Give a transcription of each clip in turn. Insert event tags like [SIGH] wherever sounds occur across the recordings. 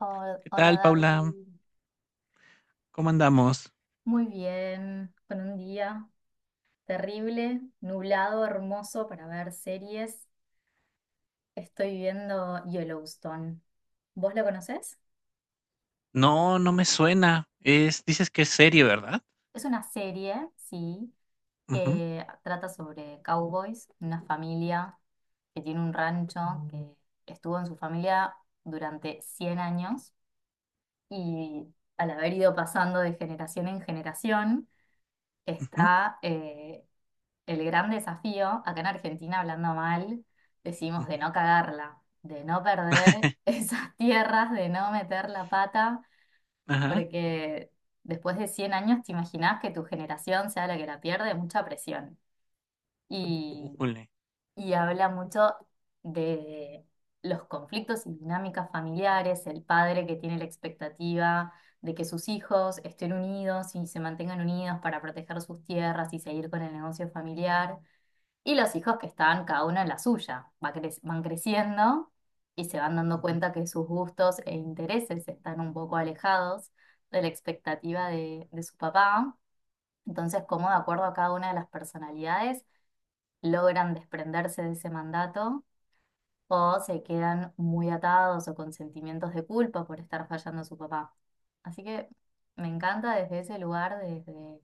¿Qué Hola tal, Paula? David, ¿Cómo andamos? muy bien, con un día terrible, nublado, hermoso para ver series. Estoy viendo Yellowstone. ¿Vos lo conocés? No, no me suena. Es, dices que es serie, ¿verdad? Es una serie, sí, Ujú, que trata sobre cowboys, una familia que tiene un rancho que estuvo en su familia durante 100 años y al haber ido pasando de generación en generación, ujú, está... eh, el gran desafío, acá en Argentina, hablando mal, decimos de ujú. no cagarla, de no perder [LAUGHS] [LAUGHS] esas tierras, de no meter la pata, Ajá. porque después de 100 años te imaginás que tu generación sea la que la pierde, mucha presión. Y, Újule. y habla mucho de los conflictos y dinámicas familiares, el padre que tiene la expectativa de que sus hijos estén unidos y se mantengan unidos para proteger sus tierras y seguir con el negocio familiar y los hijos que están cada uno en la suya, van creciendo y se van dando Ujú. cuenta que sus gustos e intereses están un poco alejados de la expectativa de su papá. Entonces, cómo de acuerdo a cada una de las personalidades logran desprenderse de ese mandato o se quedan muy atados o con sentimientos de culpa por estar fallando a su papá. Así que me encanta desde ese lugar, desde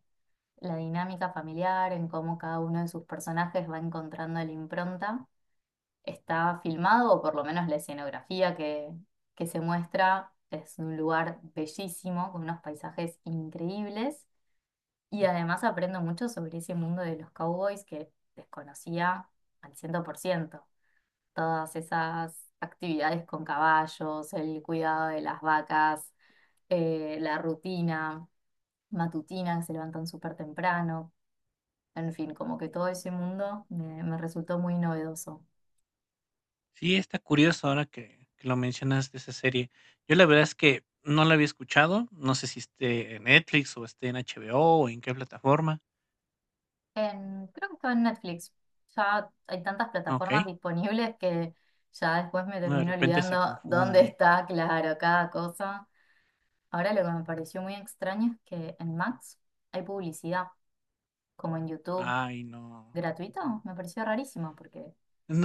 la dinámica familiar, en cómo cada uno de sus personajes va encontrando la impronta. Está filmado, o por lo menos la escenografía que se muestra, es un lugar bellísimo, con unos paisajes increíbles. Y además aprendo mucho sobre ese mundo de los cowboys que desconocía al 100 por ciento. Todas esas actividades con caballos, el cuidado de las vacas, la rutina matutina, que se levantan súper temprano. En fin, como que todo ese mundo me resultó muy novedoso. Sí, está curioso ahora que lo mencionas de esa serie. Yo la verdad es que no la había escuchado. No sé si esté en Netflix o esté en HBO o en qué plataforma. Creo que estaba en Netflix. Ya hay tantas Ok. plataformas disponibles que ya después me No, de termino repente se olvidando dónde confunde. está, claro, cada cosa. Ahora lo que me pareció muy extraño es que en Max hay publicidad, como en YouTube, Ay, no. gratuito. Me pareció rarísimo porque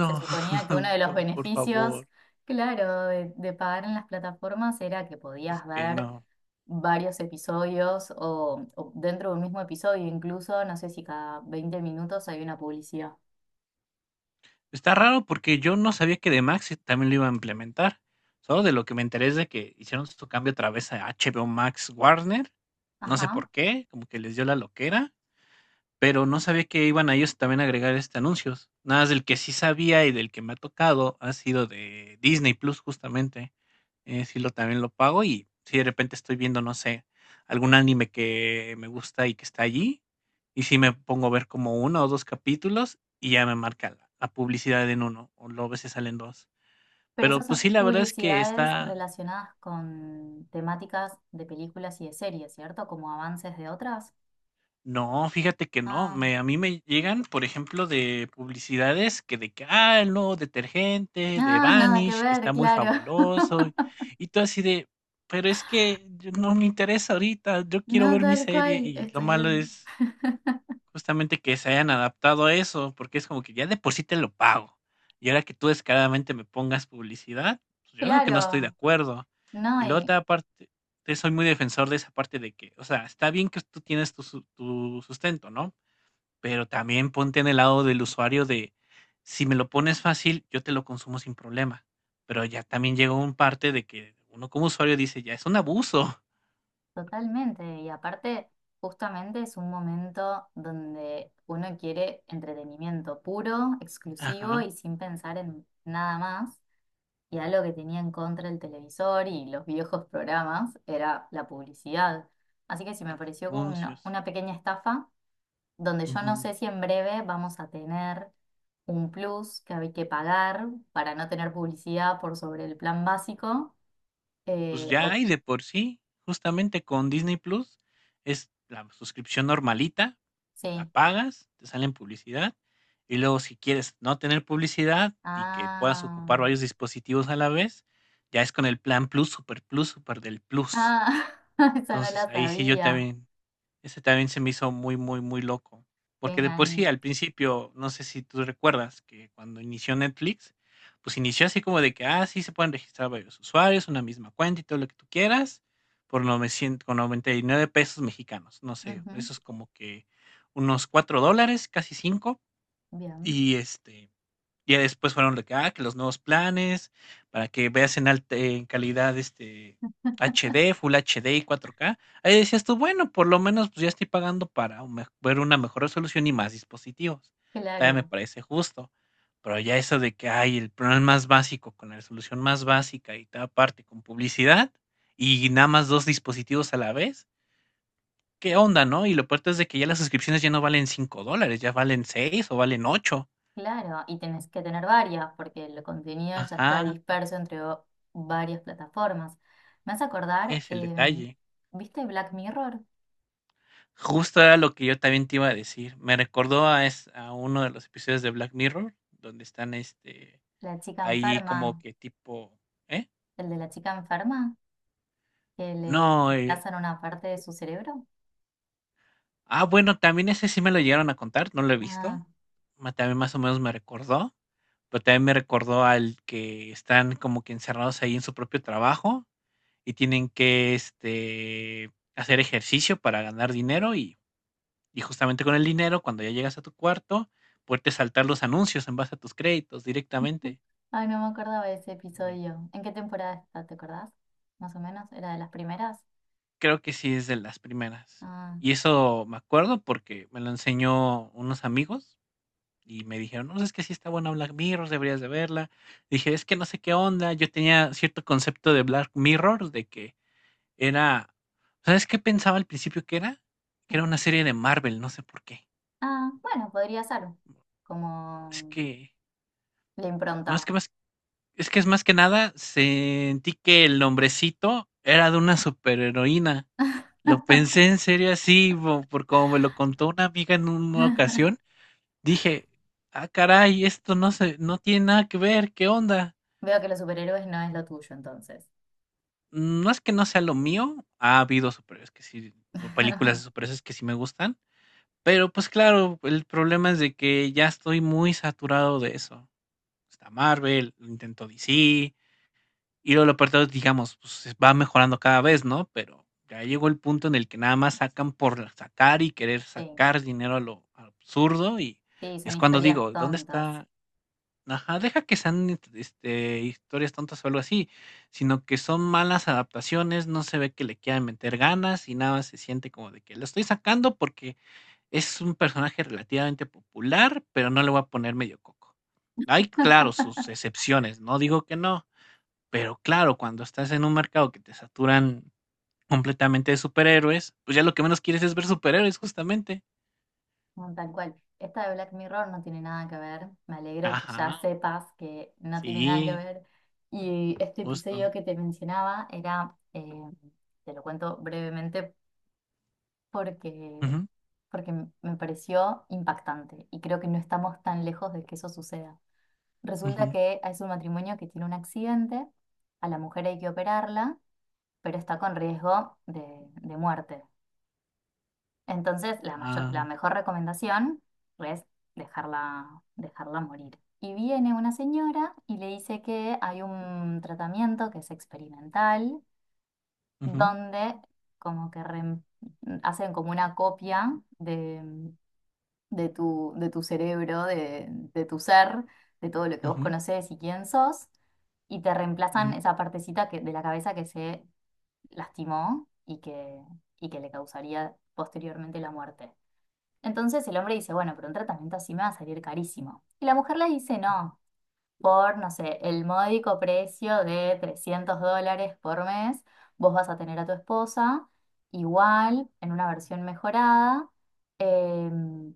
se suponía que uno [LAUGHS] de los no, por beneficios, favor. claro, de pagar en las plataformas era que Es podías que ver no. varios episodios o dentro de un mismo episodio, incluso, no sé si cada 20 minutos hay una publicidad. Está raro porque yo no sabía que The Max también lo iba a implementar. Solo de lo que me enteré es de que hicieron su cambio otra vez a HBO Max Warner. No sé por Ajá. qué, como que les dio la loquera. Pero no sabía que iban a ellos también a agregar, este, anuncios. Nada más del que sí sabía y del que me ha tocado ha sido de Disney Plus, justamente. Sí lo también lo pago y si de repente estoy viendo, no sé, algún anime que me gusta y que está allí, y si me pongo a ver como uno o 2 capítulos y ya me marca la publicidad en uno o luego a veces salen 2. Pero Pero, esas son pues sí, la verdad es que publicidades está. relacionadas con temáticas de películas y de series, ¿cierto? Como avances de otras. No, fíjate que no, Ah, me a mí me llegan, por ejemplo, de publicidades que de que, ah, el nuevo [LAUGHS] detergente de ah, nada que Vanish, que ver, está muy claro. [LAUGHS] fabuloso, y todo así de, pero es que yo no me interesa ahorita, yo quiero No, ver mi tal serie, cual, y lo malo es justamente que se hayan adaptado a eso, porque es como que ya de por sí te lo pago. Y ahora que tú descaradamente me pongas publicidad, pues yo lo que no estoy de claro, acuerdo. no, Y la y otra parte, te soy muy defensor de esa parte de que, o sea, está bien que tú tienes tu, su- tu sustento, ¿no? Pero también ponte en el lado del usuario de, si me lo pones fácil, yo te lo consumo sin problema. Pero ya también llegó un parte de que uno como usuario dice, ya es un abuso. totalmente. Y aparte, justamente es un momento donde uno quiere entretenimiento puro, [LAUGHS] exclusivo Ajá, y sin pensar en nada más. Y algo que tenía en contra el televisor y los viejos programas era la publicidad. Así que sí me los pareció como anuncios. una pequeña estafa, donde yo no sé si en breve vamos a tener un plus que hay que pagar para no tener publicidad por sobre el plan básico. Pues Eh, ya o, hay de por sí, justamente con Disney Plus, es la suscripción normalita, la sí. pagas, te salen publicidad, y luego si quieres no tener publicidad y que puedas ocupar Ah, varios dispositivos a la vez, ya es con el plan Plus, Super Plus, Super del Plus. ah, [LAUGHS] esa no Entonces la ahí sí yo sabía. también ese también se me hizo muy, muy, muy loco, Qué porque de por sí engaña. al principio, no sé si tú recuerdas que cuando inició Netflix, pues inició así como de que, ah, sí, se pueden registrar varios usuarios, una misma cuenta y todo lo que tú quieras, por 900, con 99 pesos mexicanos, no sé, Ujú, eso es como que unos 4 dólares, casi cinco. bien, Y este, ya después fueron de que, ah, que los nuevos planes, para que veas en alta en calidad, este, HD, Full HD y 4K. Ahí decías tú, bueno, por lo menos pues, ya estoy pagando para un me- ver una mejor resolución y más dispositivos. Todavía me claro. parece justo. Pero ya eso de que hay el plan más básico con la resolución más básica y tal parte con publicidad y nada más dos dispositivos a la vez. ¿Qué onda, no? Y lo peor es de que ya las suscripciones ya no valen 5 dólares, ya valen 6 o valen ocho. Claro, y tenés que tener varias, porque el contenido ya está Ajá, disperso varias plataformas. Me hace acordar, es el detalle. ¿viste Black Mirror? Justo era lo que yo también te iba a decir. Me recordó a, es, a uno de los episodios de Black Mirror, donde están este La chica ahí enferma, como que tipo, ¿eh? el de la chica enferma, que le No, reemplazan una parte de su cerebro. ah, bueno, también ese sí me lo llegaron a contar, no lo he visto. Ah, Ma- También más o menos me recordó, pero también me recordó al que están como que encerrados ahí en su propio trabajo y tienen que este hacer ejercicio para ganar dinero. Y justamente con el dinero, cuando ya llegas a tu cuarto, puedes saltar los anuncios en base a tus créditos directamente. ay, no me acordaba de ese También. episodio. ¿En qué temporada está? ¿Te acordás? Más o menos, ¿era de las primeras? Creo que sí es de las primeras. Ah, Y eso me acuerdo porque me lo enseñó unos amigos y me dijeron, no, es que sí está buena Black Mirror, deberías de verla. Dije, es que no sé qué onda. Yo tenía cierto concepto de Black Mirror, de que era, ¿sabes qué pensaba al principio que era? sí. Que era una serie de Marvel, no sé por qué. Ah, bueno, podría ser, Es como que, la no impronta. es que me. Es que es más que nada, sentí que el nombrecito era de una superheroína. Lo pensé en serio así, bo- por como me lo contó una amiga en una ocasión. Dije, ah, caray, esto no se, no tiene nada que ver, ¿qué onda? Veo que los superhéroes no es lo tuyo entonces. No es que no sea lo mío, ha habido superhéroes que sí, o películas de [LAUGHS] superhéroes que sí me gustan, pero pues claro, el problema es de que ya estoy muy saturado de eso. Está Marvel, lo intento DC, y luego lo peor de todo es, digamos, pues va mejorando cada vez, ¿no? Pero ya llegó el punto en el que nada más sacan por sacar y querer Sí. sacar dinero a lo absurdo y Sí, son es cuando historias digo, ¿dónde tontas. está? Ajá, deja que sean este, historias tontas o algo así, sino que son malas adaptaciones, no se ve que le quieran meter ganas y nada, más se siente como de que lo estoy sacando porque es un personaje relativamente popular, pero no le voy a poner medio coco. Hay, claro, sus [LAUGHS] excepciones, no digo que no, pero claro, cuando estás en un mercado que te saturan completamente de superhéroes, pues ya lo que menos quieres es ver superhéroes, justamente. No, tal cual. Esta de Black Mirror no tiene nada que ver. Me alegro que ya Ajá, sepas que no tiene nada que sí, ver. Y este episodio justo. que te mencionaba era, te lo cuento brevemente porque, Ujú, porque me pareció impactante y creo que no estamos tan lejos de que eso suceda. Resulta ujú, que es un matrimonio que tiene un accidente, a la mujer hay que operarla, pero está con riesgo de muerte. Entonces, la ah, mejor recomendación es dejarla, dejarla morir. Y viene una señora y le dice que hay un tratamiento que es experimental, ujú, donde como que reem- hacen como una copia de tu cerebro, de tu ser, de todo lo que vos ujú, conocés y quién sos, y te reemplazan ujú, esa partecita que, de la cabeza que se lastimó y que le causaría posteriormente la muerte. Entonces el hombre dice, bueno, pero un tratamiento así me va a salir carísimo. Y la mujer le dice, no, por, no sé, el módico precio de $300 por mes, vos vas a tener a tu esposa igual, en una versión mejorada, em,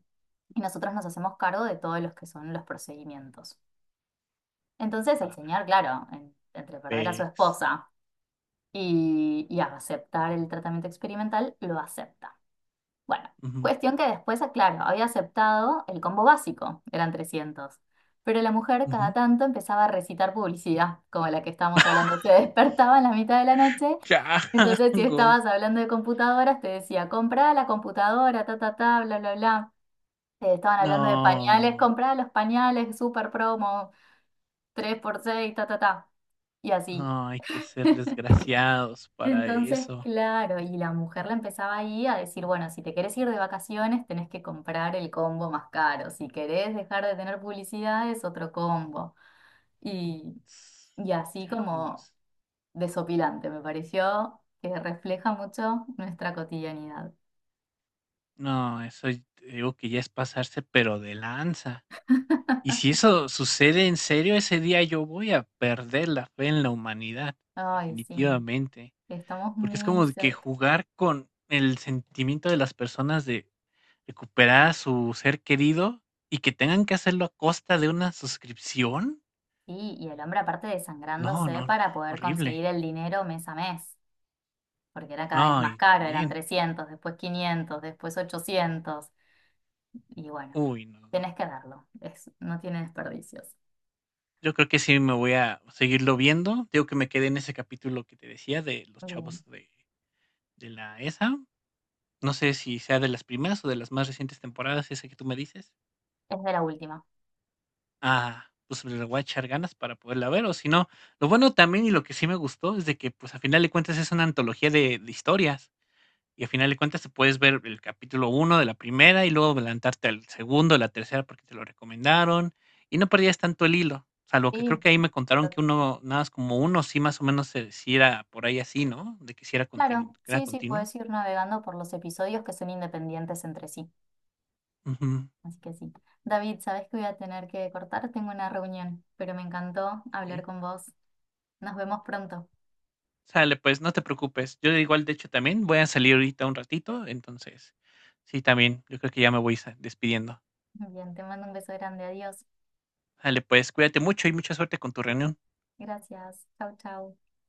y nosotros nos hacemos cargo de todos los que son los procedimientos. Entonces el ah, señor, claro, entre perder a su Apex. esposa y aceptar el tratamiento experimental, lo acepta. Bueno, Ujú, cuestión que después, ah, claro, había aceptado el combo básico, eran 300. Pero la mujer cada ujú. tanto empezaba a recitar publicidad, como la que estábamos hablando. [LAUGHS] Se despertaba en la mitad de la noche. Entonces, si estabas Changos. hablando de computadoras, te decía, comprá la computadora, ta, ta, ta, bla, bla, bla. Te estaban hablando de pañales, No, comprá los pañales, super promo, tres por seis ta, ta, ta. Y así. no hay que ser desgraciados para Entonces, eso. claro, y la mujer la empezaba ahí a decir, bueno, si te querés ir de vacaciones, tenés que comprar el combo más caro. Si querés dejar de tener publicidad, es otro combo. Y, y así como Changos. desopilante, me pareció que refleja mucho nuestra cotidianidad. No, eso y- te digo que ya es pasarse, pero de lanza. Y si eso sucede en serio, ese día yo voy a perder la fe en la humanidad, Ay, sí, definitivamente, estamos porque es muy como de que cerca. jugar con el sentimiento de las personas de recuperar a su ser querido y que tengan que hacerlo a costa de una suscripción. Sí, y el hombre aparte No, desangrándose no, no, para poder horrible. conseguir el dinero mes a mes, porque era cada vez No, más y caro, eran también, 300 después 500 después 800. Y bueno, uy, no, no. tenés que darlo. Es, no tiene desperdicios. Yo creo que sí me voy a seguirlo viendo. Digo que me quedé en ese capítulo que te decía de los chavos Bien. De la ESA. No sé si sea de las primeras o de las más recientes temporadas, esa que tú me dices. Es de la última. Ah, pues le voy a echar ganas para poderla ver, o si no. Lo bueno también y lo que sí me gustó es de que, pues, a final de cuentas es una antología de historias. Y a final de cuentas te puedes ver el capítulo uno de la primera y luego adelantarte al segundo, la tercera, porque te lo recomendaron. Y no perdías tanto el hilo. Salvo que creo Sí, que ahí me contaron to- que uno, nada más como uno, sí más o menos se decía por ahí así, ¿no? De que si era, continu- claro. que era Sí, sí, continuo. puedes ir navegando por los episodios que son independientes entre sí. Ujú, Así que sí. David, sabes que voy a tener que cortar. Tengo una reunión, pero me encantó hablar ok. con vos. Nos vemos pronto. Sale, pues no te preocupes. Yo igual, de hecho, también voy a salir ahorita un ratito, entonces, sí, también, yo creo que ya me voy sa- despidiendo. Bien, te mando un beso grande. Adiós. Sale, pues cuídate mucho y mucha suerte con tu reunión. Gracias. Chau, chau.